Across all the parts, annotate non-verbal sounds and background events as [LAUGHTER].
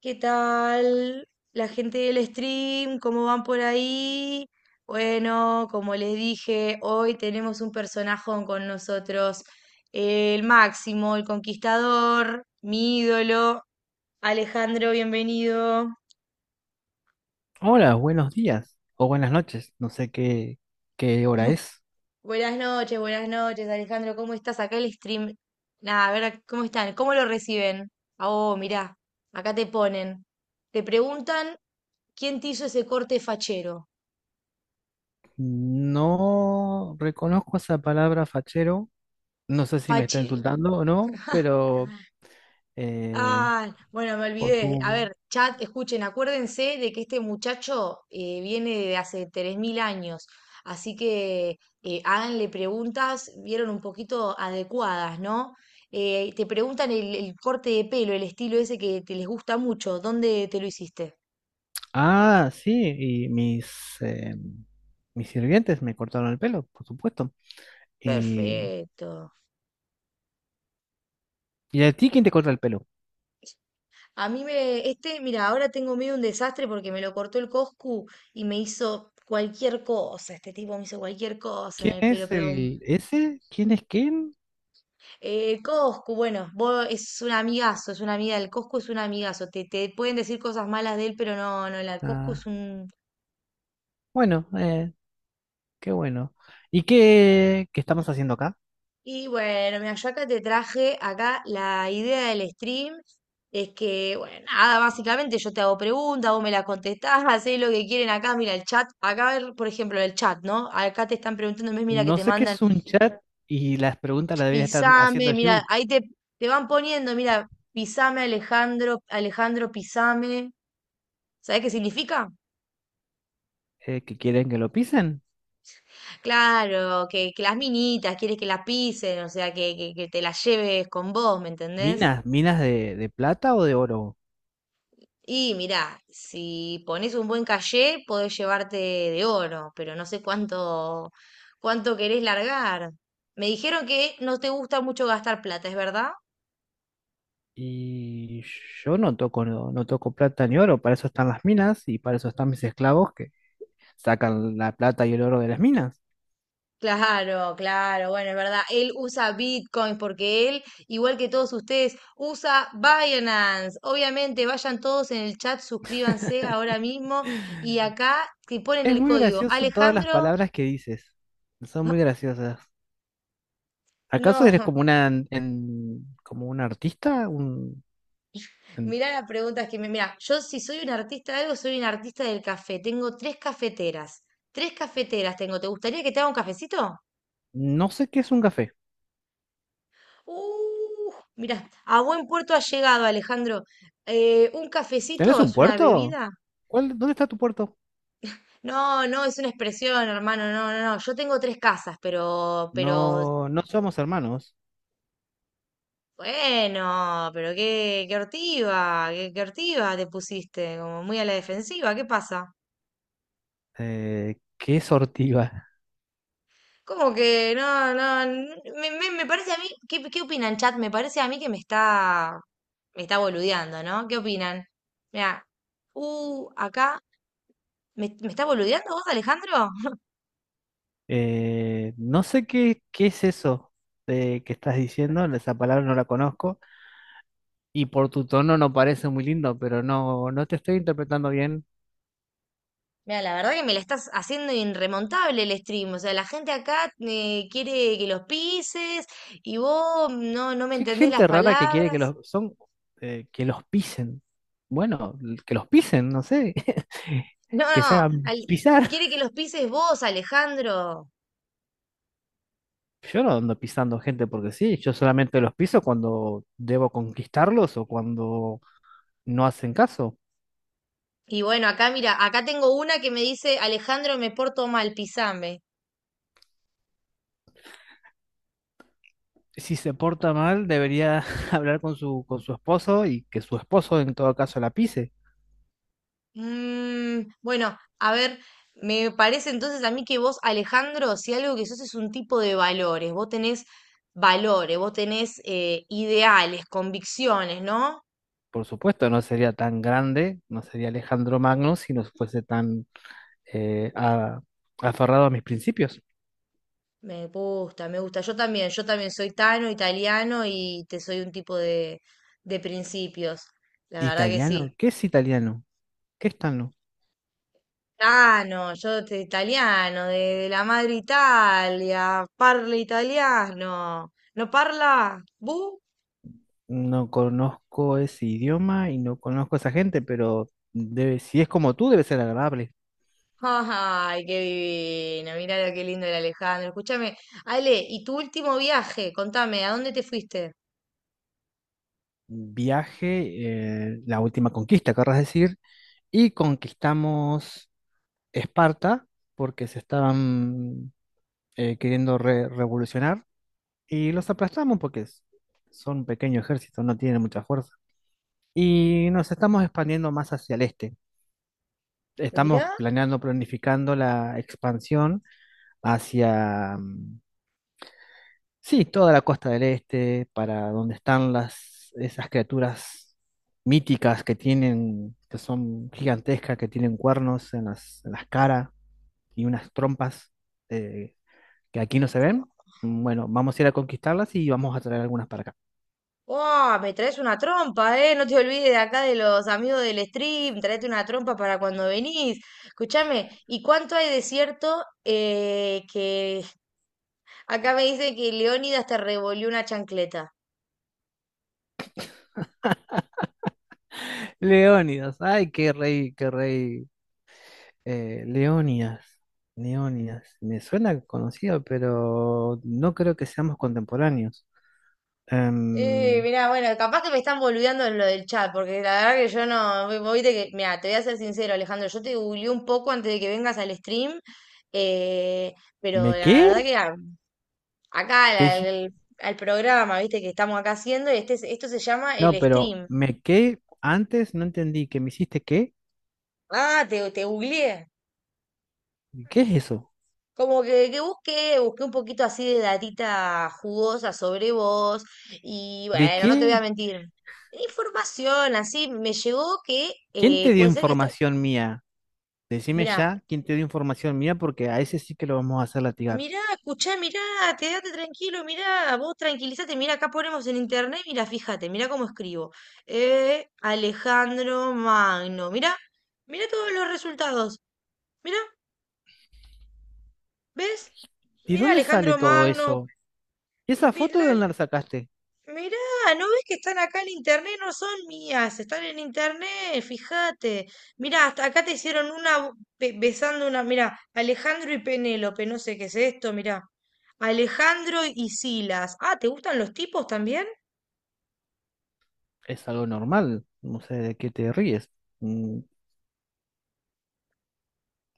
¿Qué tal la gente del stream? ¿Cómo van por ahí? Bueno, como les dije, hoy tenemos un personajón con nosotros, el Máximo, el conquistador, mi ídolo. Alejandro, bienvenido. Hola, buenos días o buenas noches, no sé qué, qué hora es. Buenas noches, Alejandro, ¿cómo estás? Acá el stream. Nada, a ver, ¿cómo están? ¿Cómo lo reciben? Ah, oh, mirá, acá te ponen. Te preguntan quién te hizo ese corte fachero. No reconozco esa palabra fachero, no sé si me está Fachero. insultando o no, pero eh, Ah, bueno, me por olvidé. A tu... ver, chat, escuchen, acuérdense de que este muchacho viene de hace 3000 años, así que háganle preguntas, vieron un poquito adecuadas, ¿no? Te preguntan el corte de pelo, el estilo ese que te les gusta mucho, ¿dónde te lo hiciste? Ah, sí, eh, mis sirvientes me cortaron el pelo, por supuesto. ¿Y, Perfecto. ¿Y a ti quién te corta el pelo? A mí me, este, mira, ahora tengo medio un desastre porque me lo cortó el Coscu y me hizo cualquier cosa, este tipo me hizo cualquier cosa en ¿Quién el pelo, es pero el ese? ¿Quién es quién? Coscu, bueno, vos es un amigazo, es una amiga, el Coscu es un amigazo, te pueden decir cosas malas de él, pero no, no, la Coscu es Ah, un... bueno, qué bueno. ¿Y qué, qué estamos haciendo acá? Y bueno, mira, yo acá te traje, acá la idea del stream es que, bueno, nada, básicamente yo te hago preguntas, vos me las contestás, [LAUGHS] hacés lo que quieren acá, mira el chat, acá, por ejemplo, el chat, ¿no? Acá te están preguntando, ¿ves? Mira que No te sé qué mandan, es un chat y las preguntas las debería estar pisame, haciendo mira, yo. ahí te, te van poniendo, mira, pisame Alejandro, Alejandro, pisame, ¿sabés qué significa? ¿Que quieren que lo pisen? Claro, que las minitas, quieres que las pisen, o sea, que te las lleves con vos, ¿me entendés? Minas, minas de plata o de oro. Y mirá, si pones un buen cayé, podés llevarte de oro, pero no sé cuánto, cuánto querés largar. Me dijeron que no te gusta mucho gastar plata, ¿es verdad? Y yo no toco, no, no toco plata ni oro, para eso están las minas y para eso están mis esclavos que sacan la plata y el oro de las minas. Claro, claro, bueno, es verdad. Él usa Bitcoin porque él, igual que todos ustedes, usa Binance. Obviamente, vayan todos en el chat, suscríbanse ahora mismo y acá te ponen Es el muy código. gracioso todas las Alejandro, palabras que dices. Son muy [LAUGHS] graciosas. ¿Acaso no, eres como [LAUGHS] como un artista? En- mirá las preguntas que me... Mirá, yo si soy un artista de algo, soy un artista del café. Tengo tres cafeteras. Tres cafeteras tengo. ¿Te gustaría que te haga un cafecito? no sé qué es un café. Uh, mirá, a buen puerto ha llegado, Alejandro. Un cafecito ¿Tenés es un una puerto? bebida. ¿Cuál, dónde está tu puerto? No, no, es una expresión, hermano, no, no, no. Yo tengo tres casas, pero, No, no somos hermanos. bueno, pero qué, qué hortiva te pusiste, como muy a la defensiva, ¿qué pasa? ¿Qué es ortiga? Como que, no, no, me, me, me parece a mí, ¿qué, qué opinan, chat? Me parece a mí que me está boludeando, ¿no? ¿Qué opinan? Mira, acá, ¿me, me está boludeando vos, Alejandro? No sé qué, qué es eso que estás diciendo, esa palabra no la conozco y por tu tono no parece muy lindo, pero no, no te estoy interpretando bien. Mira, la verdad que me la estás haciendo irremontable el stream. O sea, la gente acá quiere que los pises y vos no, no me ¿Qué entendés las gente rara que quiere que palabras. los son que los pisen? Bueno, que los pisen, no sé, [LAUGHS] No, que se no, hagan pisar. quiere que los pises vos, Alejandro. Yo no ando pisando gente porque sí, yo solamente los piso cuando debo conquistarlos o cuando no hacen caso. Y bueno, acá mira, acá tengo una que me dice, Alejandro, me porto mal, pisame. Si se porta mal, debería [LAUGHS] hablar con su esposo y que su esposo en todo caso la pise. Mm, bueno, a ver, me parece entonces a mí que vos, Alejandro, si algo que sos es un tipo de valores, vos tenés ideales, convicciones, ¿no? Por supuesto, no sería tan grande, no sería Alejandro Magno si no fuese tan eh, a- aferrado a mis principios. Me gusta, me gusta. Yo también soy tano, italiano y te soy un tipo de principios. La verdad que sí. ¿Italiano? ¿Qué es italiano? ¿Qué es tano? Tano, italiano, de la madre Italia, parla italiano. ¿No parla? ¿Bu? No conozco ese idioma y no conozco a esa gente, pero debe, si es como tú, debe ser agradable. Ay, qué divino. Mirá lo que lindo el Alejandro. Escúchame, Ale, ¿y tu último viaje? Contame, ¿a dónde te fuiste? Viaje, la última conquista, querrás decir, y conquistamos Esparta, porque se estaban revolucionar, y los aplastamos porque son un pequeño ejército, no tienen mucha fuerza. Y nos estamos expandiendo más hacia el este. Estamos Mirá. planeando, planificando la expansión hacia, mm, sí, toda la costa del este, para donde están las, esas criaturas míticas que tienen, que son gigantescas, que tienen cuernos en las caras y unas trompas eh, que aquí no se ven. Bueno, vamos a ir a conquistarlas y vamos a traer algunas para acá. ¡Wow! Me traes una trompa, ¿eh? No te olvides de acá de los amigos del stream. Traete una trompa para cuando venís. Escúchame, ¿y cuánto hay de cierto que acá me dice que Leónidas te revolvió una chancleta? Leónidas, ay, qué rey, qué rey. Leónidas, Leónidas, me suena conocido, pero no creo que seamos contemporáneos. Em, Mirá, bueno, capaz que me están boludeando en lo del chat, porque la verdad que yo no. Vos viste que, mirá, te voy a ser sincero, Alejandro. Yo te googleé un poco antes de que vengas al stream. Eh, pero ¿Me la verdad qué? que ah, acá ¿Qué hici- al programa, viste, que estamos acá haciendo, y este, esto se llama No, el pero stream. ¿me qué? Antes no entendí que me hiciste qué. Ah, te googleé. ¿Qué es eso? Como que busqué, busqué un poquito así de datita jugosa sobre vos, y ¿De bueno, no te voy a qué? mentir. Información, así me llegó que ¿Quién te dio puede ser que está. información mía? Decime Mira, ya quién te dio información mía porque a ese sí que lo vamos a hacer latigar. mirá, escuchá, mirá, quédate tranquilo, mirá, vos tranquilízate, mirá, acá ponemos en internet, mirá, fíjate, mirá cómo escribo. Alejandro Magno, mirá, mirá todos los resultados, mirá, ¿ves? ¿Y Mirá, dónde sale Alejandro todo Magno, eso? ¿Y esa foto de dónde la sacaste? mirá, ¿no ves que están acá en internet? No son mías, están en internet, fíjate. Mirá, hasta acá te hicieron una besando una, mirá, Alejandro y Penélope, no sé qué es esto, mirá. Alejandro y Silas. Ah, ¿te gustan los tipos también? Es algo normal, no sé de qué te ríes. Mm,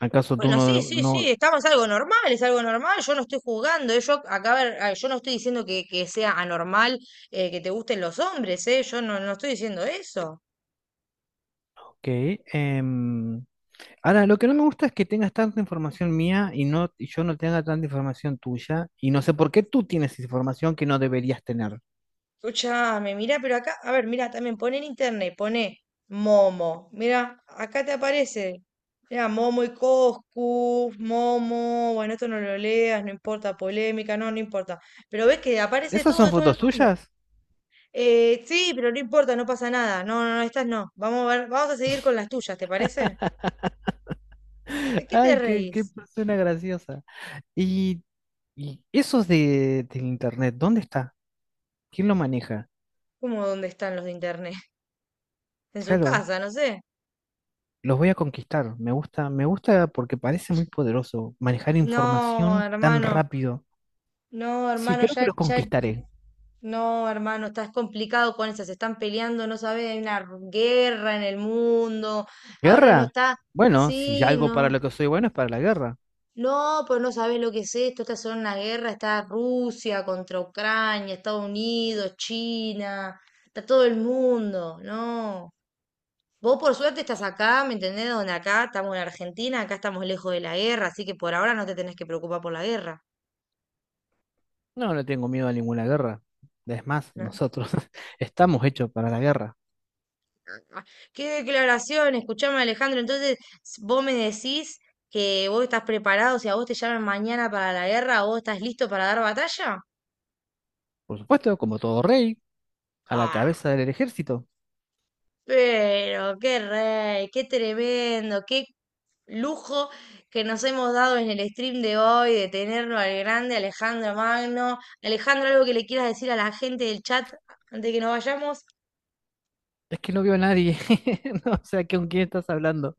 ¿acaso tú Bueno, no... sí, sí, sí, no... estamos algo normal, es algo normal, yo no estoy juzgando, yo acá, a ver, ah, yo no estoy diciendo que sea anormal, que te gusten los hombres, yo no, no estoy diciendo eso. Ok, em, ahora, lo que no me gusta es que tengas tanta información mía y, no, y yo no tenga tanta información tuya. Y no sé por qué tú tienes información que no deberías tener. Escucha, me mira, pero acá, a ver, mira, también pone en internet, pone Momo. Mira, acá te aparece. Mira, Momo y Coscu, Momo. Bueno, esto no lo leas, no importa, polémica, no, no importa. Pero ves que aparece ¿Esas todo son de todo el fotos mundo. tuyas? Sí, pero no importa, no pasa nada. No, no, no, estas no. Vamos a ver, vamos a seguir con las tuyas, ¿te parece? [LAUGHS] ¿De qué te Ay, qué, qué reís? persona graciosa. Y, y eso de, del internet, ¿dónde está? ¿Quién lo maneja? ¿Cómo dónde están los de internet? [LAUGHS] En su Claro, casa, no sé. los voy a conquistar. Me gusta porque parece muy poderoso manejar No, información tan hermano. rápido. No, Sí, hermano, creo que ya, los ya. conquistaré. No, hermano, estás complicado con esas, se están peleando, no sabes, hay una guerra en el mundo, ahora no ¿Guerra? está, Bueno, si sí, algo no, para lo que soy bueno es para la guerra. no, pues no sabes lo que es esto, esta es una guerra, está Rusia contra Ucrania, Estados Unidos, China, está todo el mundo, no. Vos por suerte estás acá, ¿me entendés? Donde acá estamos en Argentina, acá estamos lejos de la guerra, así que por ahora no te tenés que preocupar por la guerra. No, no tengo miedo a ninguna guerra. Es más, ¿No? nosotros [LAUGHS] estamos hechos para la guerra. Ah, qué declaración, escuchame Alejandro, entonces vos me decís que vos estás preparado, si a vos te llaman mañana para la guerra, vos estás listo para dar batalla. Por supuesto, como todo rey, a la Ah, cabeza del ejército. pero qué rey, qué tremendo, qué lujo que nos hemos dado en el stream de hoy de tenerlo al grande Alejandro Magno. Alejandro, algo que le quieras decir a la gente del chat antes de que nos vayamos. Es que no veo a nadie. [LAUGHS] No, o sea, ¿con quién estás hablando?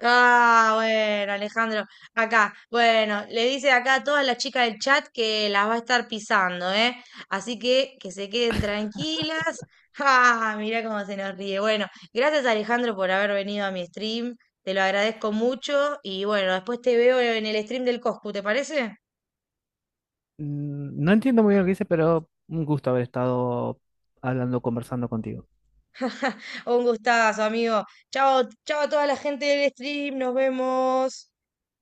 Ah, bueno, Alejandro, acá, bueno, le dice acá a todas las chicas del chat que las va a estar pisando, ¿eh? Así que se queden tranquilas. [LAUGHS] Ah, mirá cómo se nos ríe. Bueno, gracias Alejandro por haber venido a mi stream, te lo agradezco mucho y bueno, después te veo en el stream del Coscu, ¿te parece? Mm, no entiendo muy bien lo que dice, pero un gusto haber estado hablando, conversando contigo. Un gustazo, amigo. Chao, chao a toda la gente del stream, nos vemos.